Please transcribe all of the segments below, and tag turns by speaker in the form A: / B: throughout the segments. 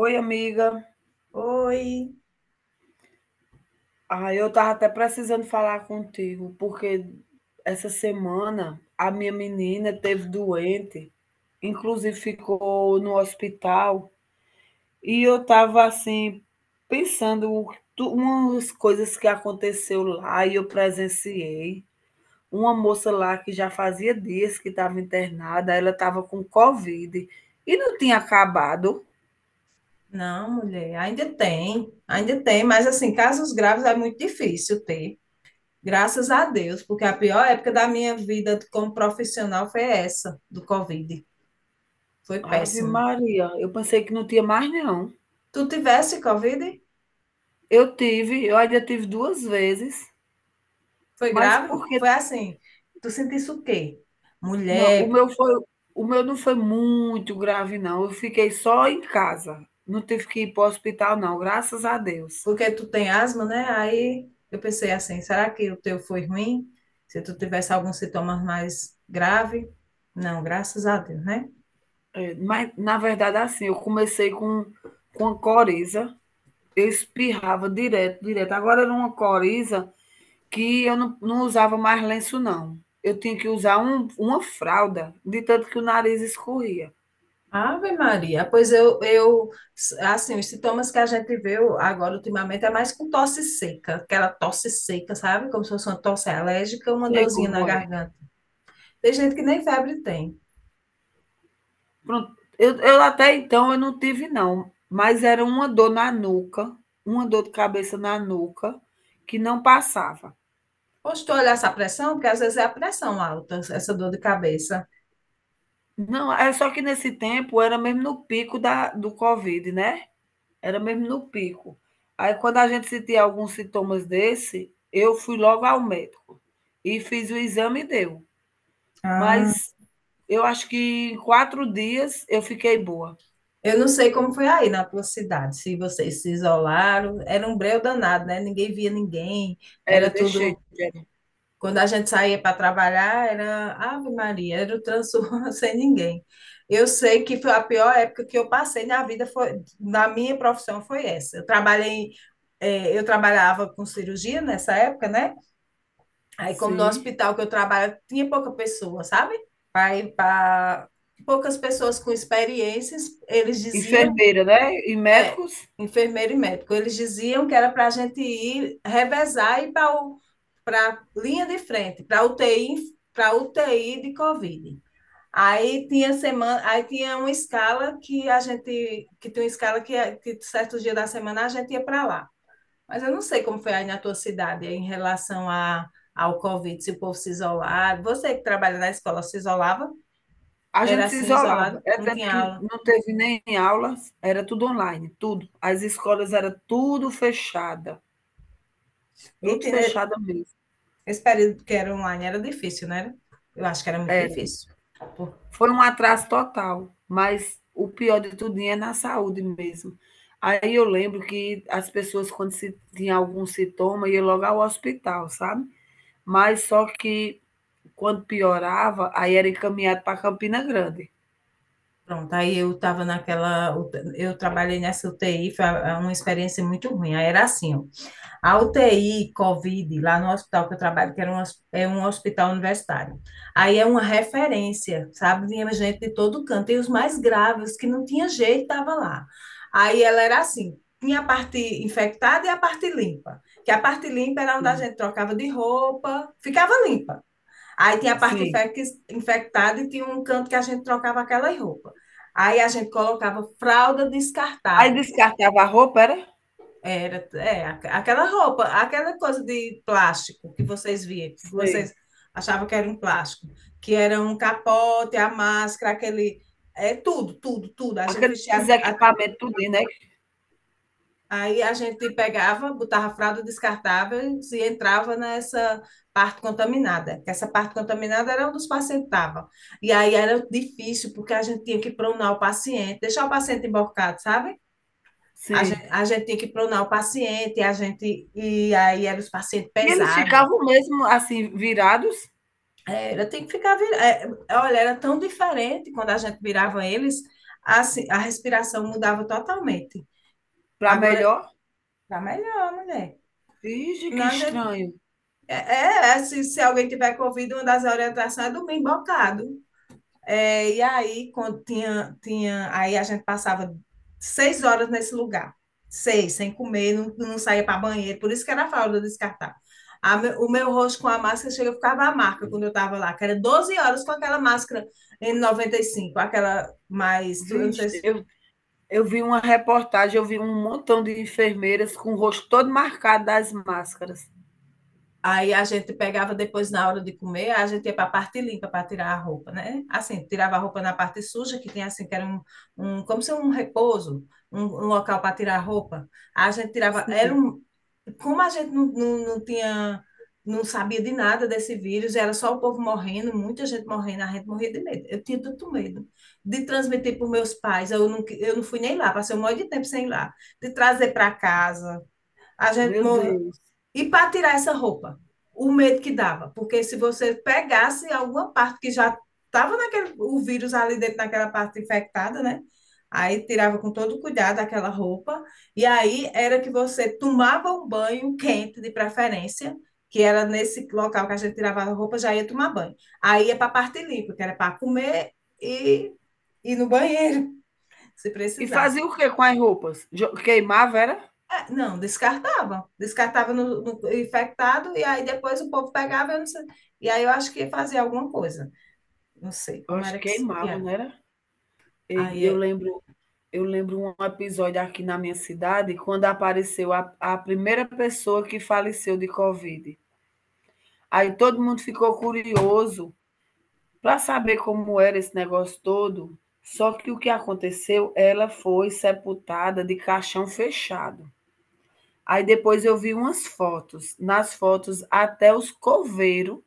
A: Oi, amiga.
B: Oi.
A: Ah, eu tava até precisando falar contigo, porque essa semana a minha menina teve doente, inclusive ficou no hospital, e eu tava assim pensando umas coisas que aconteceu lá e eu presenciei. Uma moça lá que já fazia dias que estava internada, ela estava com Covid e não tinha acabado.
B: Não, mulher, ainda tem, mas assim, casos graves é muito difícil ter, graças a Deus, porque a pior época da minha vida como profissional foi essa, do Covid. Foi
A: Ave
B: péssimo.
A: Maria, eu pensei que não tinha mais não.
B: Tu tivesse Covid?
A: Eu ainda tive 2 vezes,
B: Foi
A: mas
B: grave?
A: porque
B: Foi assim, tu sentisse o quê?
A: não,
B: Mulher,
A: o meu não foi muito grave não, eu fiquei só em casa, não tive que ir para o hospital não, graças a Deus.
B: porque tu tem asma, né? Aí eu pensei assim, será que o teu foi ruim? Se tu tivesse alguns sintomas mais grave? Não, graças a Deus, né?
A: É, mas na verdade assim, eu comecei com a coriza, eu espirrava direto, direto, agora era uma coriza que eu não usava mais lenço não, eu tinha que usar uma fralda, de tanto que o nariz escorria.
B: Ave Maria, pois eu, assim, os sintomas que a gente vê agora ultimamente é mais com tosse seca, aquela tosse seca, sabe? Como se fosse uma tosse alérgica, uma
A: Sei
B: dorzinha
A: como
B: na
A: é.
B: garganta. Tem gente que nem febre tem.
A: Pronto. Eu até então eu não tive, não. Mas era uma dor na nuca, uma dor de cabeça na nuca, que não passava.
B: Poxa, tu olhar essa pressão, porque às vezes é a pressão alta, essa dor de cabeça.
A: Não, é só que nesse tempo era mesmo no pico do Covid, né? Era mesmo no pico. Aí quando a gente sentia alguns sintomas desse, eu fui logo ao médico e fiz o exame e deu.
B: Ah.
A: Mas eu acho que em 4 dias eu fiquei boa.
B: Eu não sei como foi aí na tua cidade, se vocês se isolaram, era um breu danado, né? Ninguém via ninguém, era
A: Era, deixei.
B: tudo.
A: Era.
B: Quando a gente saía para trabalhar, era Ave Maria, era o transtorno sem ninguém. Eu sei que foi a pior época que eu passei na vida, foi, na minha profissão foi essa. Eu trabalhei, eu trabalhava com cirurgia nessa época, né? Aí, como no
A: Sim.
B: hospital que eu trabalho, tinha pouca pessoa, sabe? Aí, pra, poucas pessoas com experiências, eles diziam
A: Enfermeira, né? E
B: é,
A: médicos?
B: enfermeiro e médico. Eles diziam que era para a gente ir revezar e ir para a linha de frente, para UTI, para UTI de Covid. Aí tinha semana, aí tinha uma escala que a gente, que tinha uma escala que certos dias da semana a gente ia para lá. Mas eu não sei como foi aí na tua cidade em relação a, ao Covid, se o povo se isolava. Você que trabalha na escola se isolava?
A: A
B: Era
A: gente se
B: assim,
A: isolava,
B: isolado?
A: é
B: Não
A: tanto
B: tinha
A: que
B: aula.
A: não teve nem aulas, era tudo online, tudo. As escolas era tudo
B: Eita, né?
A: fechada mesmo,
B: Esse período que era online era difícil, né? Eu acho que era muito
A: era.
B: difícil. Por-
A: Foi um atraso total, mas o pior de tudo é na saúde mesmo. Aí eu lembro que as pessoas quando se tinha algum sintoma ia logo ao hospital, sabe. Mas só que quando piorava, aí era encaminhado para Campina Grande.
B: Pronto, aí eu estava naquela. Eu trabalhei nessa UTI, foi uma experiência muito ruim. Aí era assim, ó, a UTI COVID, lá no hospital que eu trabalho, que era um, hos- é um hospital universitário. Aí é uma referência, sabe? Vinha gente de todo canto, e os mais graves, que não tinha jeito, estava lá. Aí ela era assim: tinha a parte infectada e a parte limpa. Que a parte limpa era onde a
A: Sim,
B: gente trocava de roupa, ficava limpa. Aí tinha a parte
A: sim.
B: infec- infectada e tinha um canto que a gente trocava aquelas roupas. Aí a gente colocava fralda
A: Aí
B: descartável.
A: descartava a roupa, era?
B: Era, é, aqu- aquela roupa, aquela coisa de plástico que vocês viam, que
A: Sei.
B: vocês achavam que era um plástico, que era um capote, a máscara, aquele. É tudo, tudo, tudo. A gente
A: Aqueles
B: vestia, a.
A: equipamentos tudo, né?
B: Aí a gente pegava, botava fralda descartável e entrava nessa parte contaminada, que essa parte contaminada era onde os pacientes estavam. E aí era difícil, porque a gente tinha que pronar o paciente, deixar o paciente emborcado, sabe? A gente,
A: Sim.
B: a gente tinha que pronar o paciente, a gente, e aí era os pacientes
A: E eles
B: pesados.
A: ficavam mesmo assim, virados
B: Era, tem que ficar vir- é, olha, era tão diferente quando a gente virava eles, assim, a respiração mudava totalmente.
A: para
B: Agora,
A: melhor.
B: tá melhor, mulher.
A: Vixe,
B: Não,
A: que
B: a gente.
A: estranho.
B: É, é, é, se alguém tiver Covid, uma das orientações é dormir embocado. É, e aí, quando tinha, tinha, aí a gente passava 6 horas nesse lugar, seis, sem comer, não, não saía para banheiro, por isso que era fralda descartar. A, o meu rosto com a máscara chega, ficava a marca quando eu estava lá, que era 12 horas com aquela máscara n N95, aquela mais, eu não sei
A: Vixe,
B: se.
A: eu vi uma reportagem, eu vi um montão de enfermeiras com o rosto todo marcado das máscaras.
B: Aí a gente pegava depois na hora de comer, a gente ia para a parte limpa para tirar a roupa, né? Assim, tirava a roupa na parte suja, que tinha assim, que era um, um como se um repouso, um local para tirar a roupa. A gente tirava, era
A: Sim,
B: um, como a gente não tinha, não sabia de nada desse vírus, era só o povo morrendo, muita gente morrendo, a gente morria de medo. Eu tinha tanto medo de transmitir para os meus pais, eu não fui nem lá, passei um monte de tempo sem ir lá, de trazer para casa. A gente
A: meu Deus.
B: e para tirar essa roupa, o medo que dava, porque se você pegasse alguma parte que já estava naquele, o vírus ali dentro naquela parte infectada, né? Aí tirava com todo cuidado aquela roupa, e aí era que você tomava um banho quente de preferência, que era nesse local que a gente tirava a roupa, já ia tomar banho. Aí ia para a parte limpa, que era para comer e ir no banheiro, se
A: E
B: precisasse.
A: fazia o que com as roupas? Jo- Queimava, era?
B: É, não, descartava. Descartava no, no infectado e aí depois o povo pegava, eu não sei. E aí eu acho que fazia alguma coisa. Não sei
A: Eu
B: como
A: acho
B: era
A: que
B: que, se- que
A: queimava, não
B: era.
A: era? E
B: Aí
A: Eu
B: é,
A: lembro, eu lembro um episódio aqui na minha cidade, quando apareceu a primeira pessoa que faleceu de Covid. Aí todo mundo ficou curioso para saber como era esse negócio todo, só que o que aconteceu, ela foi sepultada de caixão fechado. Aí depois eu vi umas fotos, nas fotos até os coveiro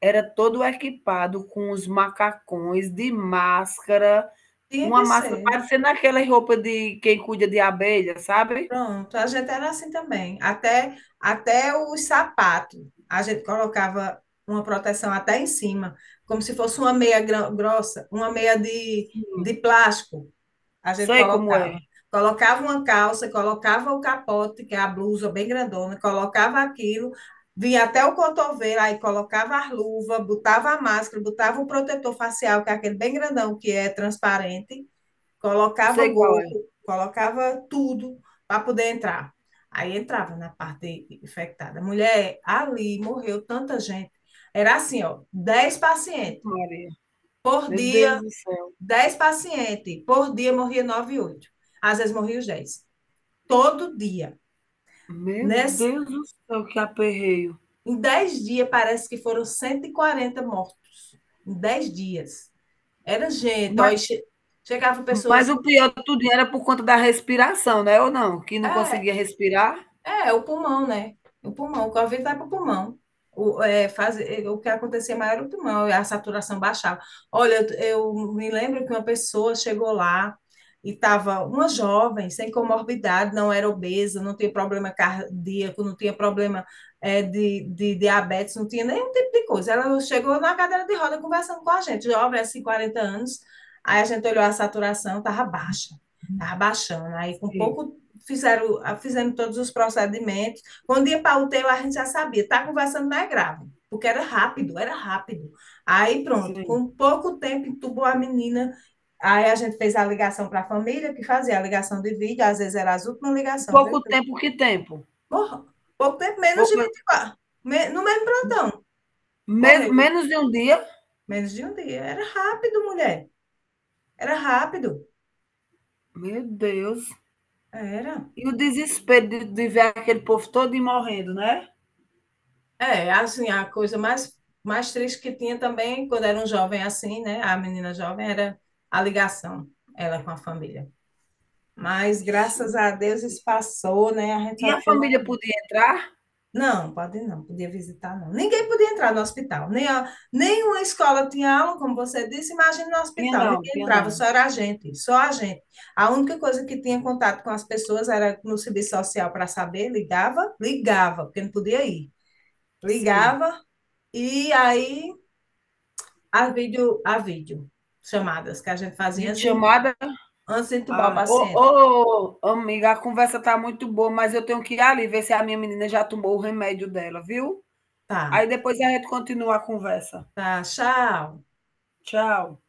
A: era todo equipado com os macacões de máscara,
B: tinha
A: uma
B: que
A: máscara
B: ser.
A: parecendo aquela roupa de quem cuida de abelha, sabe?
B: Pronto, a gente era assim também. Até, até os sapatos. A gente colocava uma proteção até em cima, como se fosse uma meia gro- grossa, uma meia de plástico. A gente
A: Sei como é,
B: colocava. Colocava uma calça, colocava o capote, que é a blusa bem grandona, colocava aquilo, vinha até o cotovelo, aí colocava a luva, botava a máscara, botava o protetor facial, que é aquele bem grandão, que é transparente, colocava
A: sei qual é.
B: gorro, colocava tudo para poder entrar. Aí entrava na parte infectada. Mulher, ali morreu tanta gente. Era assim, ó,
A: Maria,
B: por
A: meu Deus
B: dia
A: do céu.
B: 10 pacientes por dia, morria 9, oito. Às vezes morria os dez. Todo dia.
A: Meu
B: Nesse,
A: Deus do céu, que aperreio.
B: em 10 dias, parece que foram 140 mortos. Em 10 dias. Era gente.
A: Mas
B: Ó, chegava
A: mas
B: pessoas.
A: o pior de tudo era por conta da respiração, né, ou não? Que não
B: É,
A: conseguia respirar?
B: é, é o pulmão, né? O pulmão, o Covid vai para o pulmão. O, é, faz, é, o que acontecia maior era o pulmão, a saturação baixava. Olha, eu me lembro que uma pessoa chegou lá e estava uma jovem, sem comorbidade, não era obesa, não tinha problema cardíaco, não tinha problema é, de diabetes, não tinha nenhum tipo de coisa. Ela chegou na cadeira de roda conversando com a gente, jovem, assim, 40 anos. Aí a gente olhou a saturação, estava baixa, estava baixando. Aí com
A: Sim,
B: pouco fizeram, ah, fizeram todos os procedimentos. Quando ia para o UTI, a gente já sabia, está conversando, não é grave, porque era rápido, era rápido. Aí pronto,
A: sim.
B: com pouco tempo entubou a menina. Aí a gente fez a ligação para a família, que fazia a ligação de vídeo, às vezes era as últimas ligações,
A: Pouco
B: viu?
A: tempo, que tempo?
B: Morra. Pouco tempo, menos de
A: Pouco,
B: 24. Me, no mesmo plantão,
A: me
B: morreu.
A: menos de um dia?
B: Menos de um dia. Era rápido, mulher. Era rápido.
A: Meu Deus.
B: Era.
A: E o desespero de ver aquele povo todo morrendo, né?
B: É, assim, a coisa mais, mais triste que tinha também, quando era um jovem assim, né? A menina jovem era a ligação, ela com a família. Mas
A: Ixi.
B: graças a Deus isso passou, né? A gente
A: E
B: só
A: a
B: ficou na...
A: família podia entrar?
B: Não, pode não, podia visitar não. Ninguém podia entrar no hospital, nem a, nenhuma escola tinha aula, como você disse, imagina no
A: Tinha
B: hospital,
A: não,
B: ninguém
A: tinha
B: entrava,
A: não.
B: só era a gente, só a gente. A única coisa que tinha contato com as pessoas era no serviço social para saber, ligava, ligava, porque não podia ir.
A: Sim.
B: Ligava, e aí. A vídeo chamadas que a gente fazia
A: Videochamada?
B: antes de entubar o
A: Ah,
B: paciente.
A: ô, ô, ô, amiga, a conversa tá muito boa, mas eu tenho que ir ali ver se a minha menina já tomou o remédio dela, viu?
B: Tá,
A: Aí depois a gente continua a conversa.
B: tá, tchau.
A: Tchau.